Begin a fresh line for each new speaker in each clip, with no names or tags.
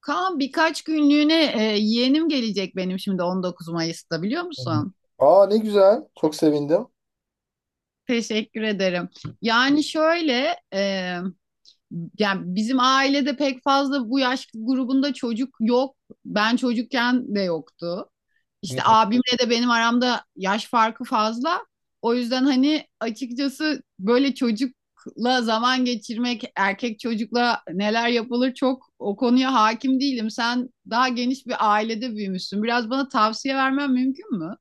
Kaan birkaç günlüğüne yeğenim gelecek benim şimdi 19 Mayıs'ta biliyor
Hı.
musun?
Aa ne güzel. Çok sevindim.
Teşekkür ederim. Yani şöyle. Yani bizim ailede pek fazla bu yaş grubunda çocuk yok. Ben çocukken de yoktu.
Hı
İşte
hı.
abimle de benim aramda yaş farkı fazla. O yüzden hani açıkçası böyle çocukla zaman geçirmek, erkek çocukla neler yapılır çok o konuya hakim değilim. Sen daha geniş bir ailede büyümüşsün. Biraz bana tavsiye vermen mümkün mü?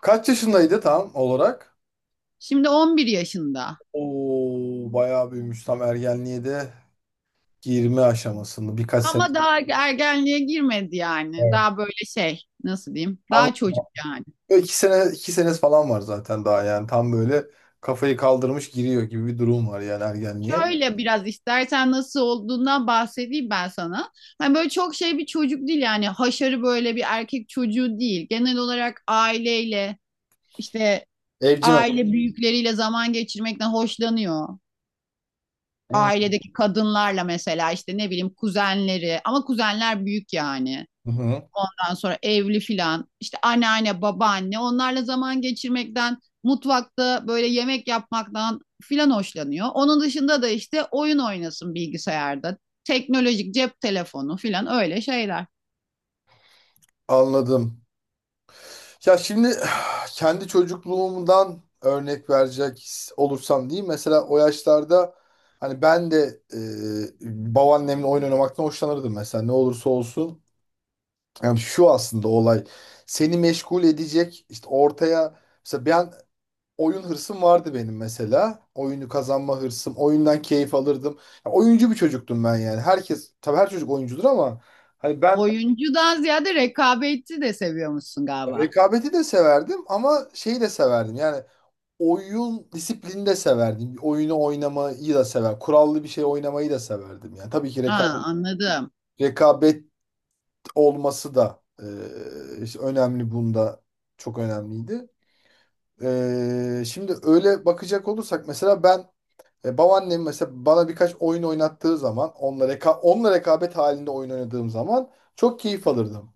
Kaç yaşındaydı tam olarak?
Şimdi 11 yaşında.
Oo bayağı büyümüş. Tam ergenliğe de girme aşamasında birkaç sene.
Ama daha ergenliğe girmedi yani.
Evet.
Daha böyle şey, nasıl diyeyim?
Anladım.
Daha çocuk yani.
Böyle İki sene, iki senesi falan var zaten daha yani. Tam böyle kafayı kaldırmış giriyor gibi bir durum var yani ergenliğe.
Şöyle biraz istersen nasıl olduğundan bahsedeyim ben sana. Hani böyle çok şey bir çocuk değil yani, haşarı böyle bir erkek çocuğu değil. Genel olarak aileyle işte
Evcimen.
aile büyükleriyle zaman geçirmekten hoşlanıyor.
Hı.
Ailedeki kadınlarla mesela işte, ne bileyim, kuzenleri, ama kuzenler büyük yani.
Hı hı.
Ondan sonra evli filan, işte anneanne, babaanne, onlarla zaman geçirmekten, mutfakta böyle yemek yapmaktan filan hoşlanıyor. Onun dışında da işte oyun oynasın bilgisayarda, teknolojik, cep telefonu filan, öyle şeyler.
Anladım. Ya şimdi kendi çocukluğumdan örnek verecek olursam diyeyim. Mesela o yaşlarda hani ben de babaannemle oyun oynamaktan hoşlanırdım mesela ne olursa olsun. Yani şu aslında olay seni meşgul edecek işte ortaya mesela ben oyun hırsım vardı benim mesela. Oyunu kazanma hırsım, oyundan keyif alırdım. Ya oyuncu bir çocuktum ben yani. Herkes tabii her çocuk oyuncudur ama hani ben
Oyuncudan ziyade rekabetçi de seviyormuşsun galiba.
rekabeti de severdim ama şeyi de severdim. Yani oyun disiplini de severdim. Oyunu oynamayı da sever. Kurallı bir şey oynamayı da severdim. Yani tabii ki
Ha, anladım.
rekabet olması da işte önemli bunda çok önemliydi. Şimdi öyle bakacak olursak mesela ben babaannem mesela bana birkaç oyun oynattığı zaman onunla, onunla rekabet halinde oyun oynadığım zaman çok keyif alırdım.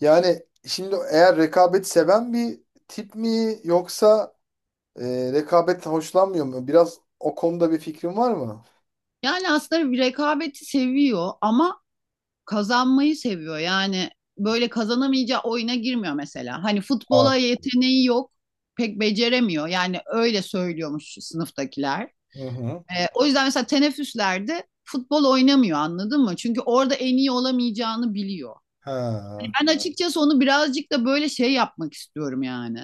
Yani şimdi eğer rekabet seven bir tip mi yoksa rekabet hoşlanmıyor mu? Biraz o konuda bir fikrin var mı?
Yani aslında bir rekabeti seviyor ama kazanmayı seviyor. Yani böyle kazanamayacağı oyuna girmiyor mesela. Hani
Aa.
futbola yeteneği yok, pek beceremiyor. Yani öyle söylüyormuş sınıftakiler.
Hı hı.
O yüzden mesela teneffüslerde futbol oynamıyor, anladın mı? Çünkü orada en iyi olamayacağını biliyor.
Ha,
Ben açıkçası onu birazcık da böyle şey yapmak istiyorum yani.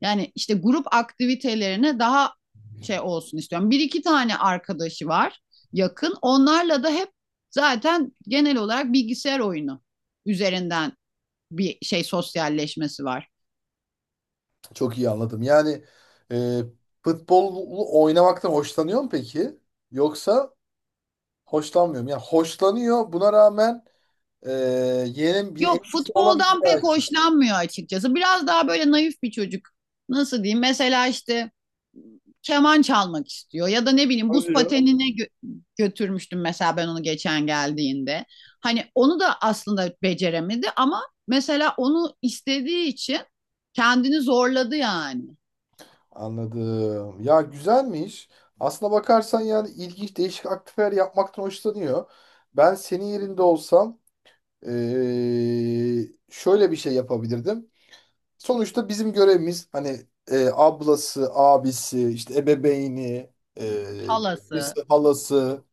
Yani işte grup aktivitelerine daha şey olsun istiyorum. Bir iki tane arkadaşı var yakın. Onlarla da hep zaten genel olarak bilgisayar oyunu üzerinden bir şey, sosyalleşmesi var.
çok iyi anladım. Yani e, futbolu oynamaktan hoşlanıyor mu peki? Yoksa hoşlanmıyor mu? Yani hoşlanıyor buna rağmen e, yeğenin bir
Yok,
etkisi
futboldan
olamayacağı
pek
için.
hoşlanmıyor açıkçası. Biraz daha böyle naif bir çocuk. Nasıl diyeyim? Mesela işte keman çalmak istiyor, ya da ne bileyim buz
Oluyor.
patenine götürmüştüm mesela ben onu geçen geldiğinde. Hani onu da aslında beceremedi ama mesela onu istediği için kendini zorladı yani.
Anladım. Ya güzelmiş. Aslına bakarsan yani ilginç değişik aktiviteler yapmaktan hoşlanıyor. Ben senin yerinde olsam şöyle bir şey yapabilirdim. Sonuçta bizim görevimiz hani ablası, abisi, işte ebeveyni, e,
Halası.
annesi, halası,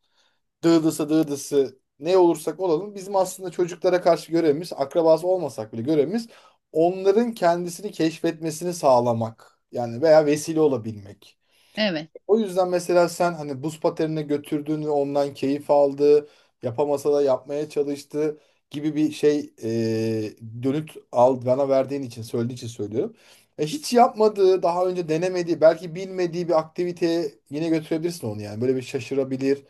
dıdısı ne olursak olalım bizim aslında çocuklara karşı görevimiz, akrabası olmasak bile görevimiz onların kendisini keşfetmesini sağlamak. Yani veya vesile olabilmek.
Evet,
O yüzden mesela sen hani buz patenine götürdün ve ondan keyif aldı, yapamasa da yapmaya çalıştı gibi bir şey dönüt al bana verdiğin için söylediğin için söylüyorum. Hiç yapmadığı, daha önce denemediği, belki bilmediği bir aktiviteye yine götürebilirsin onu yani. Böyle bir şaşırabilir.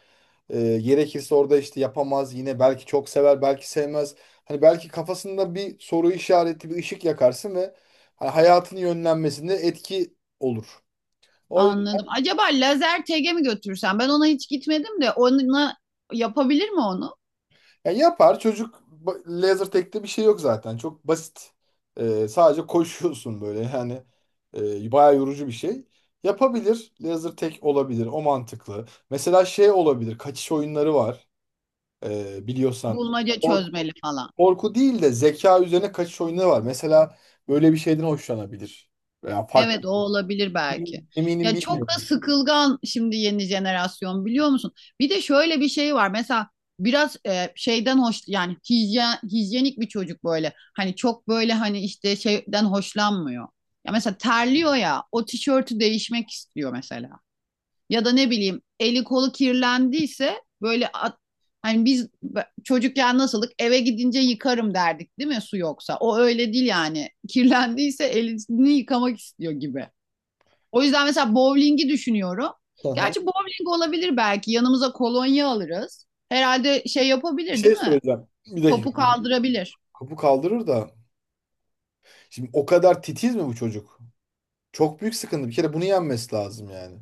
Gerekirse orada işte yapamaz yine belki çok sever, belki sevmez. Hani belki kafasında bir soru işareti, bir ışık yakarsın ve hani hayatının yönlenmesinde etki olur. O
anladım. Acaba lazer tege mi götürsem? Ben ona hiç gitmedim de, ona yapabilir mi onu?
ya yapar çocuk. Laser tag'te bir şey yok zaten. Çok basit. Sadece koşuyorsun böyle yani bayağı yorucu bir şey. Yapabilir. Laser tag olabilir. O mantıklı. Mesela şey olabilir. Kaçış oyunları var. Biliyorsan.
Bulmaca çözmeli
Korku,
falan.
korku değil de zeka üzerine kaçış oyunları var. Mesela böyle bir şeyden hoşlanabilir. Veya
Evet,
farklı.
o olabilir belki.
Eminim
Ya çok da
bilmiyorum.
sıkılgan şimdi yeni jenerasyon, biliyor musun? Bir de şöyle bir şey var. Mesela biraz şeyden hoş, yani hijyen, hijyenik bir çocuk böyle. Hani çok böyle, hani işte şeyden hoşlanmıyor. Ya mesela terliyor ya, o tişörtü değişmek istiyor mesela. Ya da ne bileyim eli kolu kirlendiyse böyle hani biz çocukken nasıldık, eve gidince yıkarım derdik değil mi, su yoksa. O öyle değil yani. Kirlendiyse elini yıkamak istiyor gibi. O yüzden mesela bowling'i düşünüyorum.
Aha.
Gerçi bowling olabilir belki. Yanımıza kolonya alırız. Herhalde şey
Bir
yapabilir değil
şey
mi?
söyleyeceğim. Bir dakika.
Topu kaldırabilir.
Kapı kaldırır da. Şimdi o kadar titiz mi bu çocuk? Çok büyük sıkıntı. Bir kere bunu yenmesi lazım yani.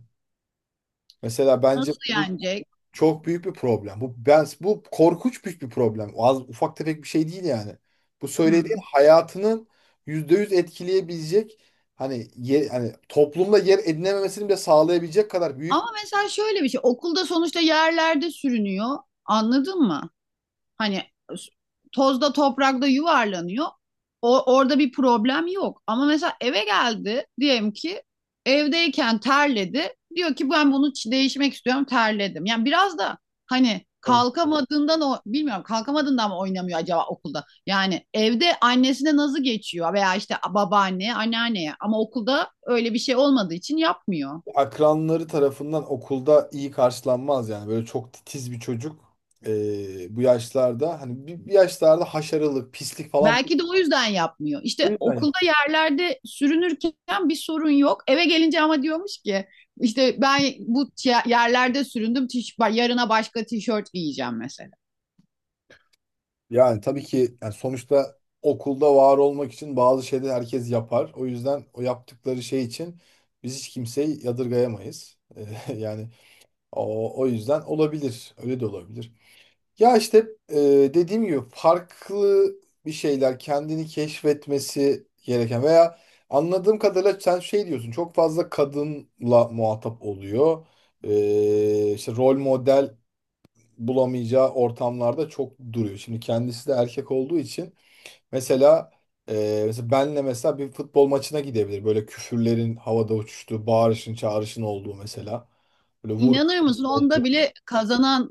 Mesela bence
Nasıl
bu
yenecek?
çok büyük bir problem. Bu korkunç büyük bir problem. Az, ufak tefek bir şey değil yani. Bu söylediğin
Hmm.
hayatının %100 etkileyebilecek hani yer, hani toplumda yer edinememesini bile sağlayabilecek kadar büyük
Ama
bir.
mesela şöyle bir şey. Okulda sonuçta yerlerde sürünüyor. Anladın mı? Hani tozda toprakta yuvarlanıyor. O, orada bir problem yok. Ama mesela eve geldi diyelim ki, evdeyken terledi. Diyor ki ben bunu değişmek istiyorum, terledim. Yani biraz da hani
O
kalkamadığından, o bilmiyorum, kalkamadığından mı oynamıyor acaba okulda? Yani evde annesine nazı geçiyor veya işte babaanne, anneanneye, ama okulda öyle bir şey olmadığı için yapmıyor.
akranları tarafından okulda iyi karşılanmaz yani. Böyle çok titiz bir çocuk bu yaşlarda hani bir yaşlarda haşarılık, pislik falan
Belki de o yüzden yapmıyor.
o
İşte
yüzden.
okulda yerlerde sürünürken bir sorun yok. Eve gelince ama diyormuş ki işte ben bu yerlerde süründüm, yarına başka tişört giyeceğim mesela.
Yani tabii ki yani sonuçta okulda var olmak için bazı şeyleri herkes yapar. O yüzden o yaptıkları şey için biz hiç kimseyi yadırgayamayız. Yani o yüzden olabilir. Öyle de olabilir. Ya işte dediğim gibi farklı bir şeyler kendini keşfetmesi gereken veya anladığım kadarıyla sen şey diyorsun çok fazla kadınla muhatap oluyor. İşte rol model bulamayacağı ortamlarda çok duruyor. Şimdi kendisi de erkek olduğu için mesela mesela benle mesela bir futbol maçına gidebilir. Böyle küfürlerin havada uçuştuğu, bağırışın, çağrışın olduğu mesela. Böyle vur.
İnanır mısın? Onda bile kazanan,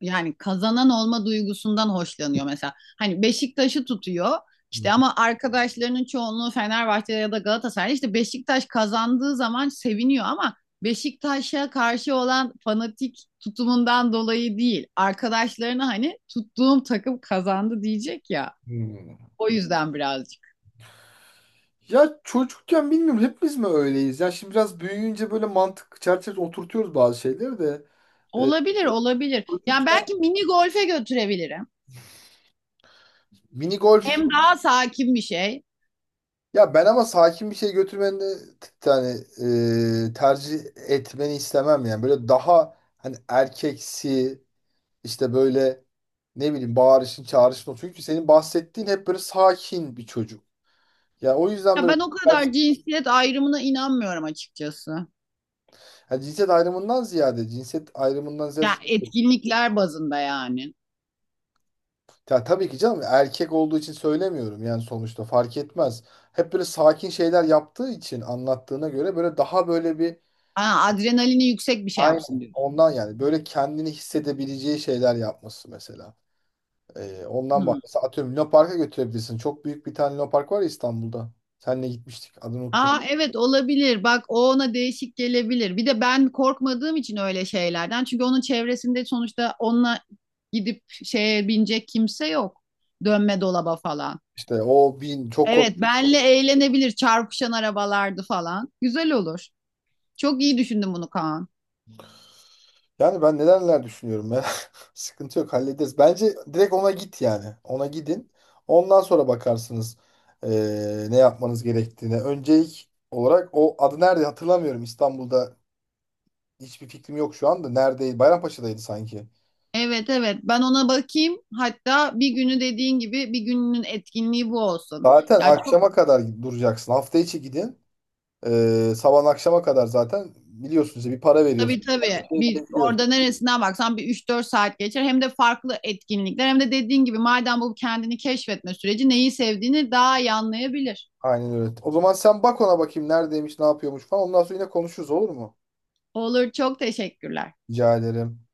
yani kazanan olma duygusundan hoşlanıyor mesela. Hani Beşiktaş'ı tutuyor. İşte ama arkadaşlarının çoğunluğu Fenerbahçe ya da Galatasaray. İşte Beşiktaş kazandığı zaman seviniyor, ama Beşiktaş'a karşı olan fanatik tutumundan dolayı değil. Arkadaşlarına hani tuttuğum takım kazandı diyecek ya.
Hmm.
O yüzden birazcık.
Ya çocukken bilmiyorum hepimiz mi öyleyiz? Ya şimdi biraz büyüyünce böyle mantık çerçevesine oturtuyoruz bazı şeyleri de. Ee,
Olabilir, olabilir. Yani
çocukken
belki mini golfe götürebilirim.
mini golf.
Hem daha sakin bir şey.
Ya ben ama sakin bir şey götürmeni yani tercih etmeni istemem yani. Böyle daha hani erkeksi. İşte böyle ne bileyim bağırışın çağrışın o. Çünkü senin bahsettiğin hep böyle sakin bir çocuk. Ya o yüzden
Ya
böyle
ben o kadar cinsiyet ayrımına inanmıyorum açıkçası.
yani cinsiyet ayrımından ziyade cinsiyet ayrımından ziyade şu.
Ya etkinlikler bazında yani.
Ya tabii ki canım erkek olduğu için söylemiyorum yani sonuçta fark etmez. Hep böyle sakin şeyler yaptığı için anlattığına göre böyle daha böyle bir
Ha, adrenalini yüksek bir şey yapsın
aynen
diyorsun.
ondan yani böyle kendini hissedebileceği şeyler yapması mesela. Ondan
Hmm.
bahsediyorum. Atıyorum Luna Park'a götürebilirsin. Çok büyük bir tane Luna Park var ya İstanbul'da. Seninle gitmiştik. Adını unuttum.
Aa, evet, olabilir. Bak, o ona değişik gelebilir. Bir de ben korkmadığım için öyle şeylerden. Çünkü onun çevresinde sonuçta onunla gidip şeye binecek kimse yok. Dönme dolaba falan.
İşte o bin çok
Evet, benle eğlenebilir, çarpışan arabalardı falan. Güzel olur. Çok iyi düşündün bunu, Kaan.
yani ben neler düşünüyorum ben. Sıkıntı yok hallederiz. Bence direkt ona git yani. Ona gidin. Ondan sonra bakarsınız ne yapmanız gerektiğine. Öncelik olarak o adı nerede hatırlamıyorum. İstanbul'da hiçbir fikrim yok şu anda. Neredeydi? Bayrampaşa'daydı sanki.
Evet evet, ben ona bakayım. Hatta bir günü, dediğin gibi, bir gününün etkinliği bu olsun.
Zaten
Ya çok.
akşama kadar duracaksın. Hafta içi gidin. Sabah akşama kadar zaten biliyorsunuz ya, bir para
Tabii
veriyorsun.
tabii.
Şey
Bir
bile biliyorsun.
orada neresinden baksan bir 3-4 saat geçer. Hem de farklı etkinlikler, hem de dediğin gibi madem bu kendini keşfetme süreci, neyi sevdiğini daha iyi anlayabilir.
Aynen öyle. O zaman sen bak ona bakayım neredeymiş, ne yapıyormuş falan. Ondan sonra yine konuşuruz olur mu?
Olur, çok teşekkürler.
Rica ederim.